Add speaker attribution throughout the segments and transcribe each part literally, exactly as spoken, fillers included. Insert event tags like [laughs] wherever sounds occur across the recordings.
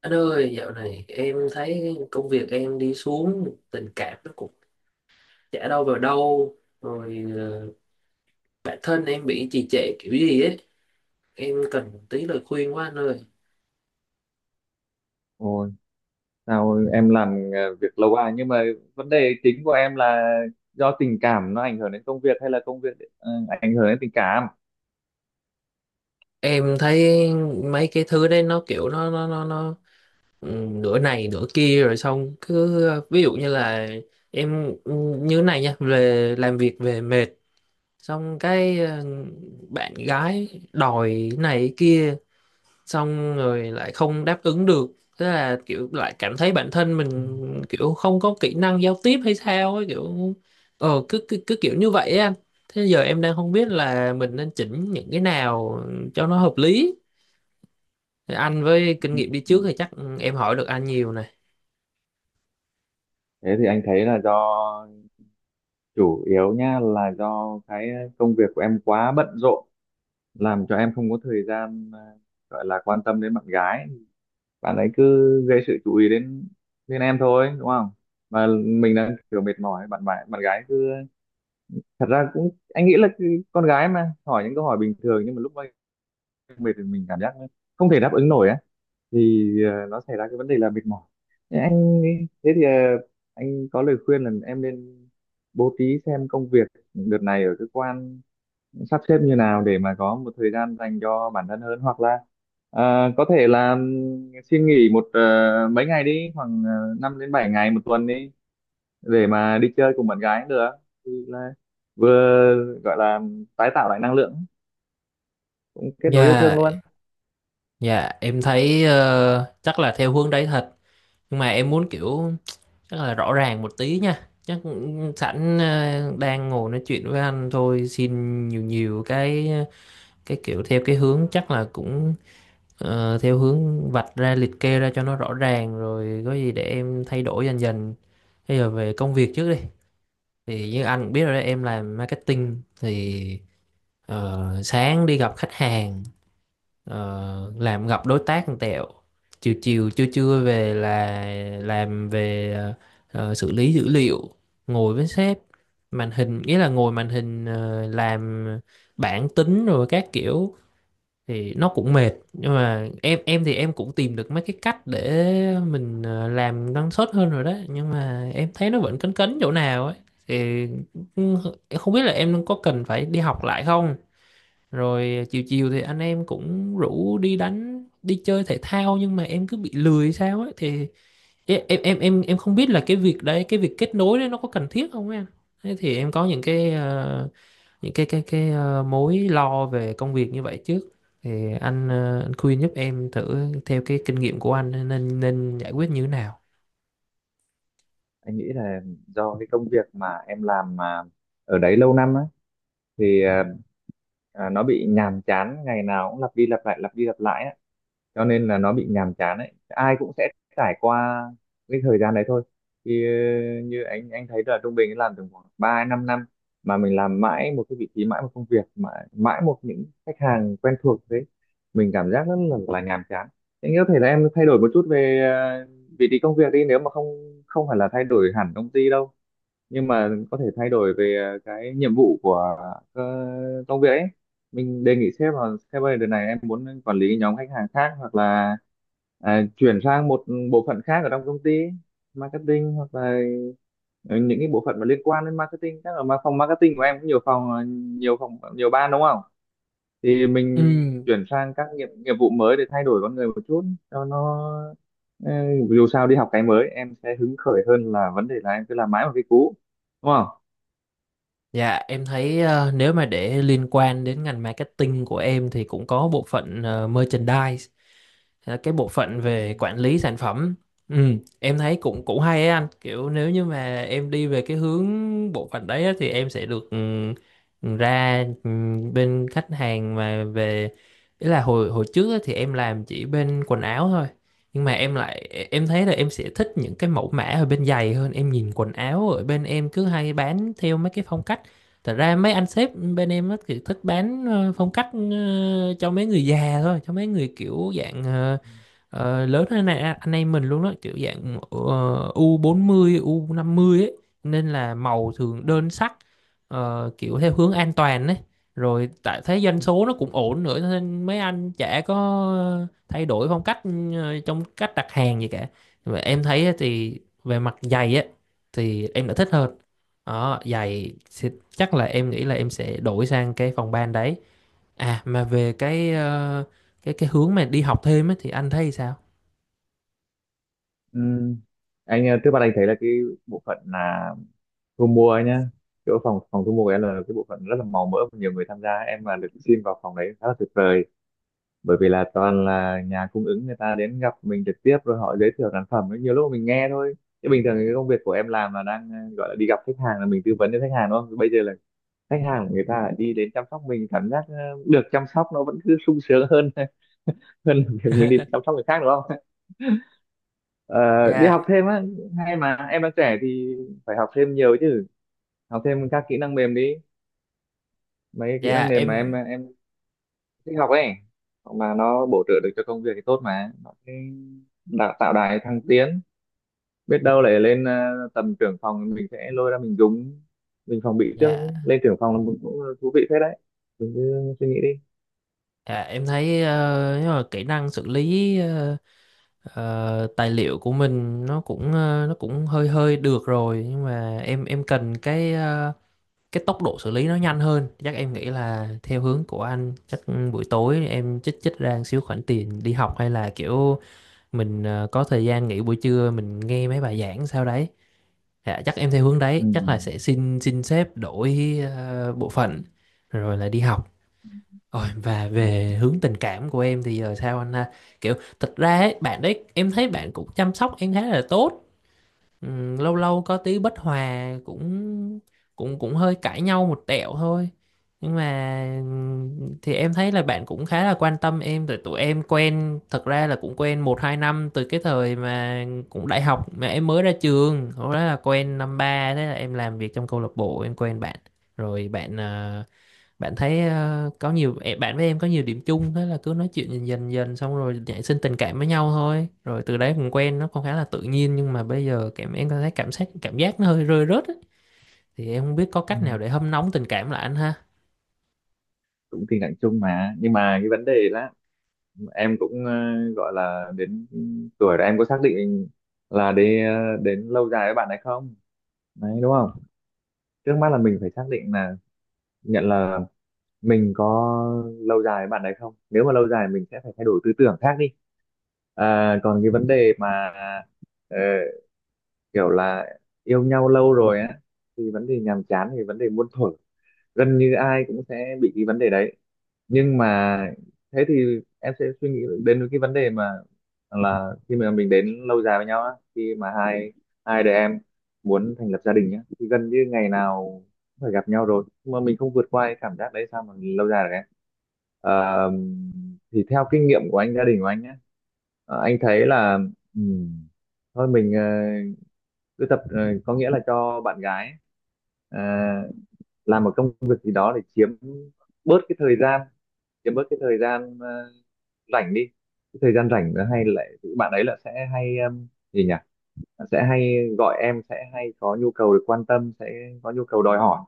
Speaker 1: Anh ơi, dạo này em thấy công việc em đi xuống, tình cảm nó cũng chả đâu vào đâu, rồi ờ, bản thân em bị trì trệ kiểu gì ấy, em cần tí lời khuyên quá anh ơi.
Speaker 2: Ôi, sao em làm ờ, việc lâu à, nhưng mà vấn đề chính của em là do tình cảm nó ảnh hưởng đến công việc hay là công việc ờ, ảnh hưởng đến tình cảm?
Speaker 1: Em thấy mấy cái thứ đấy nó kiểu nó nó nó nó ừ, nửa này nửa kia rồi xong cứ ví dụ như là em ừ, như này nha, về làm việc về mệt, xong cái ờ, bạn gái đòi này kia xong rồi lại không đáp ứng được, tức là kiểu lại cảm thấy bản thân mình kiểu không có kỹ năng giao tiếp hay sao ấy, kiểu ờ cứ cứ, cứ kiểu như vậy á anh, thế giờ em đang không biết là mình nên chỉnh những cái nào cho nó hợp lý, anh với kinh nghiệm đi
Speaker 2: Ừ.
Speaker 1: trước thì chắc em hỏi được anh nhiều này.
Speaker 2: Thế thì anh thấy là do chủ yếu nha, là do cái công việc của em quá bận rộn, làm cho em không có thời gian ờ, gọi là quan tâm đến bạn gái. Bạn ấy cứ gây sự chú ý đến đến em thôi đúng không? Mà mình đang kiểu mệt mỏi, bạn bạn bạn gái cứ, thật ra cũng anh nghĩ là cứ- con gái mà hỏi những câu hỏi bình thường nhưng mà lúc mệt thì mình cảm giác nó không thể đáp ứng nổi á, thì ờ, nó xảy ra cái vấn đề là mệt mỏi. Thế anh thế thì ờ, anh có lời khuyên là em nên bố trí xem công việc đợt này ở cơ quan sắp xếp như nào để mà có một thời gian dành cho bản thân hơn, hoặc là ờ, có thể là ừm, xin nghỉ một ờ, mấy ngày đi, khoảng uh, năm đến bảy ngày một tuần đi, để mà đi chơi cùng bạn gái cũng được. Thì là vừa gọi là tái tạo lại năng lượng, cũng kết nối yêu thương
Speaker 1: Dạ,
Speaker 2: luôn.
Speaker 1: dạ em thấy ờ, chắc là theo hướng đấy thật, nhưng mà em muốn kiểu chắc là rõ ràng một tí nha, chắc sẵn ờ, đang ngồi nói chuyện với anh thôi xin nhiều nhiều cái cái kiểu theo cái hướng chắc là cũng ờ, theo hướng vạch ra liệt kê ra cho nó rõ ràng rồi có gì để em thay đổi dần dần. Bây giờ về công việc trước đi, thì như anh cũng biết rồi đấy, em làm marketing thì ờ, sáng đi gặp khách hàng, ờ, làm gặp đối tác một tẹo, chiều chiều trưa trưa về là làm về ờ, ờ, xử lý dữ liệu, ngồi với sếp, màn hình, nghĩa là ngồi màn hình ờ, làm bảng tính rồi các kiểu, thì nó cũng mệt, nhưng mà em em thì em cũng tìm được mấy cái cách để mình ờ, làm năng suất hơn rồi đó, nhưng mà em thấy nó vẫn cấn cấn chỗ nào ấy, thì cũng- em không biết là em có cần phải đi học lại không, rồi chiều chiều thì anh em cũng rủ đi đánh đi chơi thể thao nhưng mà em cứ bị lười sao ấy, thì em em em em em không biết là cái việc đấy, cái việc kết nối đấy nó có cần thiết không em. Thế thì em có những cái ờ, những cái cái cái ờ, mối lo về công việc như vậy trước, thì anh ờ, anh khuyên giúp em thử theo cái kinh nghiệm của anh nên nên giải quyết như thế nào.
Speaker 2: Anh nghĩ là do cái công việc mà em làm mà ở đấy lâu năm á, thì à, à, nó bị nhàm chán, ngày nào cũng lặp đi lặp lại, lặp đi lặp lại á, cho nên là nó bị nhàm chán ấy. Ai cũng sẽ trải qua cái thời gian đấy thôi. Thì ờ, như anh anh thấy là trung bình làm tầm khoảng ba năm năm mà mình làm mãi một cái vị trí, mãi một công việc, mãi, mãi một những khách hàng quen thuộc, thế mình cảm giác rất là, là nhàm chán. Anh có thể là em thay đổi một chút về ờ, vị trí công việc đi, nếu mà không không phải là thay đổi hẳn công ty đâu, nhưng mà có thể thay đổi về ờ, cái nhiệm vụ của ờ, công việc ấy. Mình đề nghị sếp là: sếp ơi đợt này em muốn quản lý nhóm khách hàng khác, hoặc là à, chuyển sang một bộ phận khác ở trong công ty marketing, hoặc là ờ, những cái bộ phận mà liên quan đến marketing. Chắc là mà phòng marketing của em cũng nhiều phòng ờ, nhiều phòng nhiều ban đúng không, thì
Speaker 1: Ừ,
Speaker 2: mình chuyển sang các nghiệp nghiệp vụ mới để thay đổi con người một chút, cho nó ừ, dù sao đi học cái mới em sẽ hứng khởi hơn, là vấn đề là em cứ làm mãi một cái cũ đúng không.
Speaker 1: dạ, em thấy ờ, nếu mà để liên quan đến ngành marketing của em thì cũng có bộ phận ờ, merchandise, ờ, cái bộ phận về quản lý sản phẩm. Ừ, em thấy cũng cũng hay ấy anh. Kiểu nếu như mà em đi về cái hướng bộ phận đấy á, thì em sẽ được ừ, ừ, ra ừ, bên khách hàng mà về, ý là hồi hồi trước á, thì em làm chỉ bên quần áo thôi. Nhưng mà em lại e, em thấy là em sẽ thích những cái mẫu mã ở bên giày hơn. Em nhìn quần áo ở bên em cứ hay bán theo mấy cái phong cách. Thật ra mấy anh sếp bên em á, kiểu, thích bán, ờ, phong cách, ờ, cho mấy người già thôi, cho mấy người, kiểu, dạng, ờ, ờ, lớn hơn này anh em mình luôn đó, kiểu dạng ờ, u bốn mươi u năm mươi ấy, nên là màu thường đơn sắc, ờ, kiểu theo hướng an toàn ấy, rồi tại thế doanh số nó cũng ổn nữa nên mấy anh chả có thay đổi phong cách ờ, trong cách đặt hàng gì cả. Và em thấy á thì về mặt giày á thì em đã thích hơn, đó giày, thì chắc là em nghĩ là em sẽ đổi sang cái phòng ban đấy. À mà về cái ờ, cái cái hướng mà đi học thêm ấy, thì anh thấy sao?
Speaker 2: Ừm, anh ờ, trước mắt anh thấy là cái bộ phận là thu mua ấy nhá, chỗ phòng phòng thu mua của em là cái bộ phận rất là màu mỡ và nhiều người tham gia. Em mà được xin vào phòng đấy khá là tuyệt vời, bởi vì là toàn là nhà cung ứng người ta đến gặp mình trực tiếp, rồi họ giới thiệu sản phẩm ấy, nhiều lúc mà mình nghe thôi. Chứ bình thường cái công việc của em làm là đang ờ, gọi là đi gặp khách hàng là mình tư vấn cho khách hàng đúng không, bây giờ là khách hàng của người ta lại đi đến chăm sóc mình, cảm giác ờ, được chăm sóc nó vẫn cứ sung sướng hơn [laughs] hơn là việc mình đi chăm
Speaker 1: [laughs]
Speaker 2: sóc người khác đúng không. Ờ, đi
Speaker 1: dạ
Speaker 2: học thêm á, hay mà em đang trẻ thì phải học thêm nhiều chứ, học thêm các kỹ năng mềm đi, mấy cái kỹ năng
Speaker 1: dạ
Speaker 2: mềm mà em
Speaker 1: em
Speaker 2: em thích học ấy, mà nó bổ trợ được cho công việc thì tốt, mà nó sẽ đào tạo đài thăng tiến, biết đâu lại lên ờ, tầm trưởng phòng mình sẽ lôi ra mình dùng, mình phòng bị trước.
Speaker 1: dạ
Speaker 2: Lên trưởng phòng là một cũng thú vị phết đấy, mình cứ suy nghĩ đi.
Speaker 1: dạ em thấy ờ, nếu mà kỹ năng xử lý ờ, ờ, tài liệu của mình nó cũng ờ, nó cũng hơi hơi được rồi, nhưng mà em em cần cái ờ, cái tốc độ xử lý nó nhanh hơn, chắc em nghĩ là theo hướng của anh, chắc buổi tối em chích chích ra một xíu khoản tiền đi học, hay là kiểu mình ờ, có thời gian nghỉ buổi trưa mình nghe mấy bài giảng sau đấy. Dạ, chắc em theo hướng
Speaker 2: Ừ.
Speaker 1: đấy, chắc là sẽ xin xin sếp đổi ờ, bộ phận rồi là đi học. Rồi, và
Speaker 2: Ừ.
Speaker 1: về hướng tình cảm của em thì giờ sao anh ha, kiểu thật ra ấy, bạn đấy em thấy bạn cũng chăm sóc em khá là tốt. Ừ, lâu lâu có tí bất hòa cũng cũng cũng hơi cãi nhau một tẹo thôi, nhưng mà ừ, thì em thấy là bạn cũng khá là quan tâm em rồi. Tụi em quen thật ra là cũng quen một hai năm từ cái thời mà cũng đại học, mà em mới ra trường lúc đó là quen năm ba, thế là em làm việc trong câu lạc bộ em quen bạn, rồi bạn ờ, bạn thấy ờ, có nhiều ẹ, bạn với em có nhiều điểm chung, thế là cứ nói chuyện dần dần dần xong rồi nảy sinh tình cảm với nhau thôi, rồi từ đấy cũng quen, nó cũng khá là tự nhiên, nhưng mà bây giờ cảm em có thấy cảm giác cảm giác nó hơi rơi rớt ấy. Thì em không biết có
Speaker 2: Ừ.
Speaker 1: cách nào để hâm nóng tình cảm lại anh ha.
Speaker 2: Cũng tình trạng chung mà, nhưng mà cái vấn đề là em cũng ờ, gọi là đến tuổi rồi, em có xác định là đi ờ, đến lâu dài với bạn hay không đấy đúng không. Trước mắt là mình phải xác định là, nhận là mình có lâu dài với bạn đấy không, nếu mà lâu dài mình sẽ phải thay đổi tư tưởng khác đi. À, còn cái vấn đề mà ờ, kiểu là yêu nhau lâu rồi á, thì vấn đề nhàm chán thì vấn đề muôn thuở, gần như ai cũng sẽ bị cái vấn đề đấy. Nhưng mà thế thì em sẽ suy nghĩ đến cái vấn đề mà là khi mà mình đến lâu dài với nhau á, khi mà hai hai đứa em muốn thành lập gia đình nhá thì gần như ngày nào cũng phải gặp nhau rồi, nhưng mà mình không vượt qua cái cảm giác đấy sao mà lâu dài được em. Ờ, thì theo kinh nghiệm của anh, gia đình của anh nhá, ờ, anh thấy là ừm, thôi mình ờ, cứ tập, ờ, có nghĩa là cho bạn gái ấy, làm một công việc gì đó để chiếm bớt cái thời gian chiếm bớt cái thời gian ờ, rảnh đi, cái thời gian rảnh nó hay lại bạn ấy là sẽ hay um, gì nhỉ, sẽ hay gọi em, sẽ hay có nhu cầu được quan tâm, sẽ có nhu cầu đòi hỏi.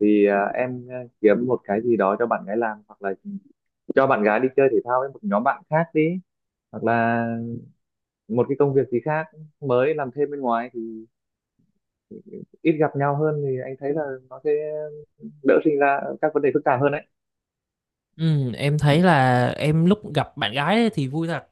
Speaker 2: Thì à, em à, kiếm một cái gì đó cho bạn gái làm, hoặc là cho bạn gái đi chơi thể thao với một nhóm bạn khác đi, hoặc là một cái công việc gì khác, mới làm thêm bên ngoài, thì ít gặp nhau hơn thì anh thấy là nó sẽ đỡ sinh ra các vấn đề phức tạp hơn đấy.
Speaker 1: Ừ, em thấy là em lúc gặp bạn gái ấy thì vui thật,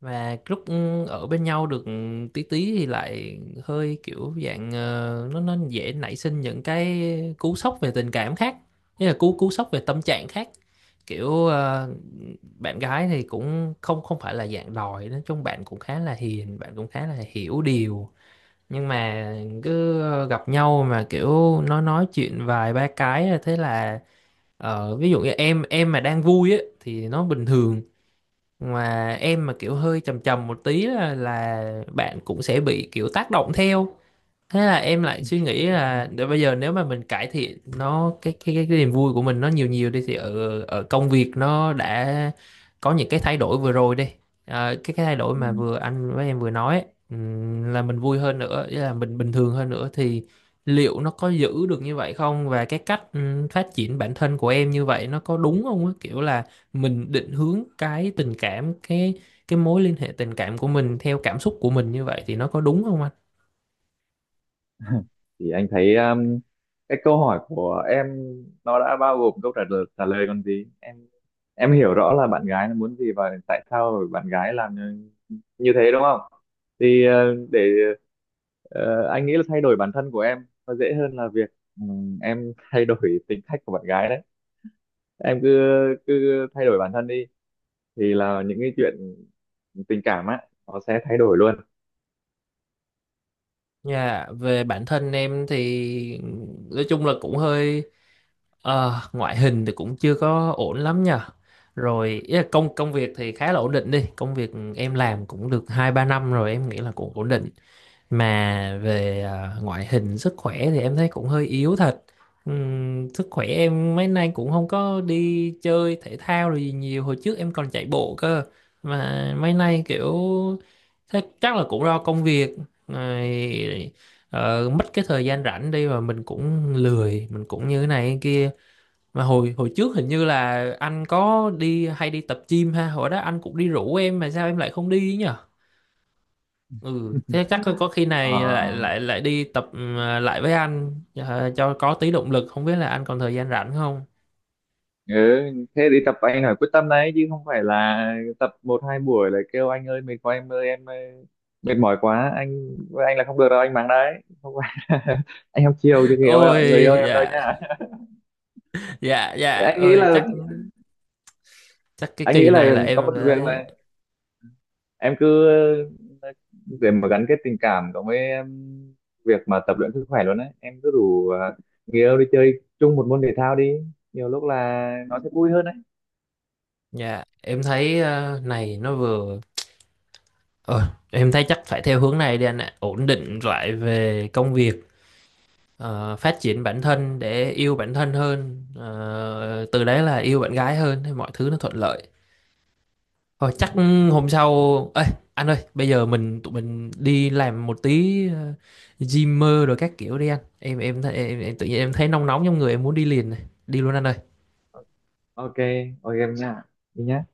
Speaker 1: và lúc ừ, ở bên nhau được ừ, tí tí thì lại hơi kiểu dạng ờ, nó nó dễ nảy sinh những cái cú sốc về tình cảm khác, như là cú cú sốc về tâm trạng khác, kiểu ờ, bạn gái thì cũng không không phải là dạng đòi, nói chung bạn cũng khá là hiền, bạn cũng khá là hiểu điều, nhưng mà cứ ờ, gặp nhau mà kiểu nó nói chuyện vài ba cái là thế là ờ, ví dụ như em em mà đang vui á thì nó bình thường, mà em mà kiểu hơi trầm trầm một tí là, là bạn cũng sẽ bị kiểu tác động theo, thế là em lại suy nghĩ là để bây giờ nếu mà mình cải thiện nó cái cái cái, cái niềm vui của mình nó nhiều nhiều đi, thì ở ở công việc nó đã có những cái thay đổi vừa rồi đi. Ờ, cái cái thay đổi
Speaker 2: Ừ.
Speaker 1: mà vừa anh với em vừa nói ấy, ừm, là mình vui hơn nữa, ý là mình bình thường hơn nữa thì liệu nó có giữ được như vậy không, và cái cách ừm, phát triển bản thân của em như vậy nó có đúng không á, kiểu là mình định hướng cái tình cảm, cái cái mối liên hệ tình cảm của mình theo cảm xúc của mình như vậy thì nó có đúng không?
Speaker 2: Thì anh thấy um, cái câu hỏi của em nó đã bao gồm câu trả lời trả lời còn gì em. Em hiểu rõ là bạn gái nó muốn gì và tại sao bạn gái làm như, như thế đúng không. Thì ờ, để ờ, anh nghĩ là thay đổi bản thân của em nó dễ hơn là việc ừm, em thay đổi [laughs] tính cách của bạn gái đấy. Em cứ cứ thay đổi bản thân đi, thì là những cái chuyện tình cảm á nó sẽ thay đổi luôn.
Speaker 1: Dạ, về bản thân em thì nói chung là cũng hơi ờ, ngoại hình thì cũng chưa có ổn lắm nha. Rồi ý là công công việc thì khá là ổn định đi, công việc em làm cũng được hai ba năm rồi, em nghĩ là cũng ổn định, mà về à, ngoại hình sức khỏe thì em thấy cũng hơi yếu thật. Ừm, sức khỏe em mấy nay cũng không có đi chơi thể thao rồi gì nhiều, hồi trước em còn chạy bộ cơ, mà mấy nay kiểu thế, chắc là cũng do công việc rồi ờ, mất cái thời gian rảnh đi, và mình cũng lười mình cũng như thế này thế kia. Mà hồi hồi trước hình như là anh có đi hay đi tập gym ha, hồi đó anh cũng đi rủ em mà sao em lại không đi nhỉ, ừ thế
Speaker 2: [laughs]
Speaker 1: chắc có khi
Speaker 2: Ờ,
Speaker 1: này lại lại lại đi tập ừ, lại với anh ờ, cho có tí động lực, không biết là anh còn thời gian rảnh không?
Speaker 2: ừ, thế đi tập anh phải quyết tâm đấy, chứ không phải là tập một hai buổi lại kêu anh ơi mệt quá, em ơi em ơi, mệt mỏi quá anh anh là không được đâu, anh mắng đấy, không phải [laughs] anh không chiều cho
Speaker 1: [laughs]
Speaker 2: người yêu người
Speaker 1: Ôi
Speaker 2: yêu em đâu
Speaker 1: dạ
Speaker 2: nhá.
Speaker 1: dạ
Speaker 2: Thế
Speaker 1: dạ
Speaker 2: anh nghĩ
Speaker 1: ơi
Speaker 2: là,
Speaker 1: chắc chắc cái
Speaker 2: anh nghĩ
Speaker 1: kỳ này
Speaker 2: là
Speaker 1: là
Speaker 2: có
Speaker 1: em
Speaker 2: một việc
Speaker 1: phải-
Speaker 2: là em cứ ờ, để mà gắn kết tình cảm cộng với em, việc mà tập luyện sức khỏe luôn đấy, em cứ rủ à, người yêu đi chơi chung một môn thể thao đi, nhiều lúc là nó sẽ vui hơn đấy.
Speaker 1: dạ em thấy ờ, này nó vừa ờ, em thấy chắc phải theo hướng này đi anh ạ, ổn định lại về công việc, ờ, phát triển bản thân để yêu bản thân hơn, ờ, từ đấy là yêu bạn gái hơn thì mọi thứ nó thuận lợi. Thôi chắc hôm sau. Ê anh ơi, bây giờ mình tụi mình đi làm một tí ờ, gym mơ rồi các kiểu đi anh, em em em, em tự nhiên em thấy nóng nóng trong người, em muốn đi liền này, đi luôn anh ơi.
Speaker 2: OK, OK em nha, đi nhá.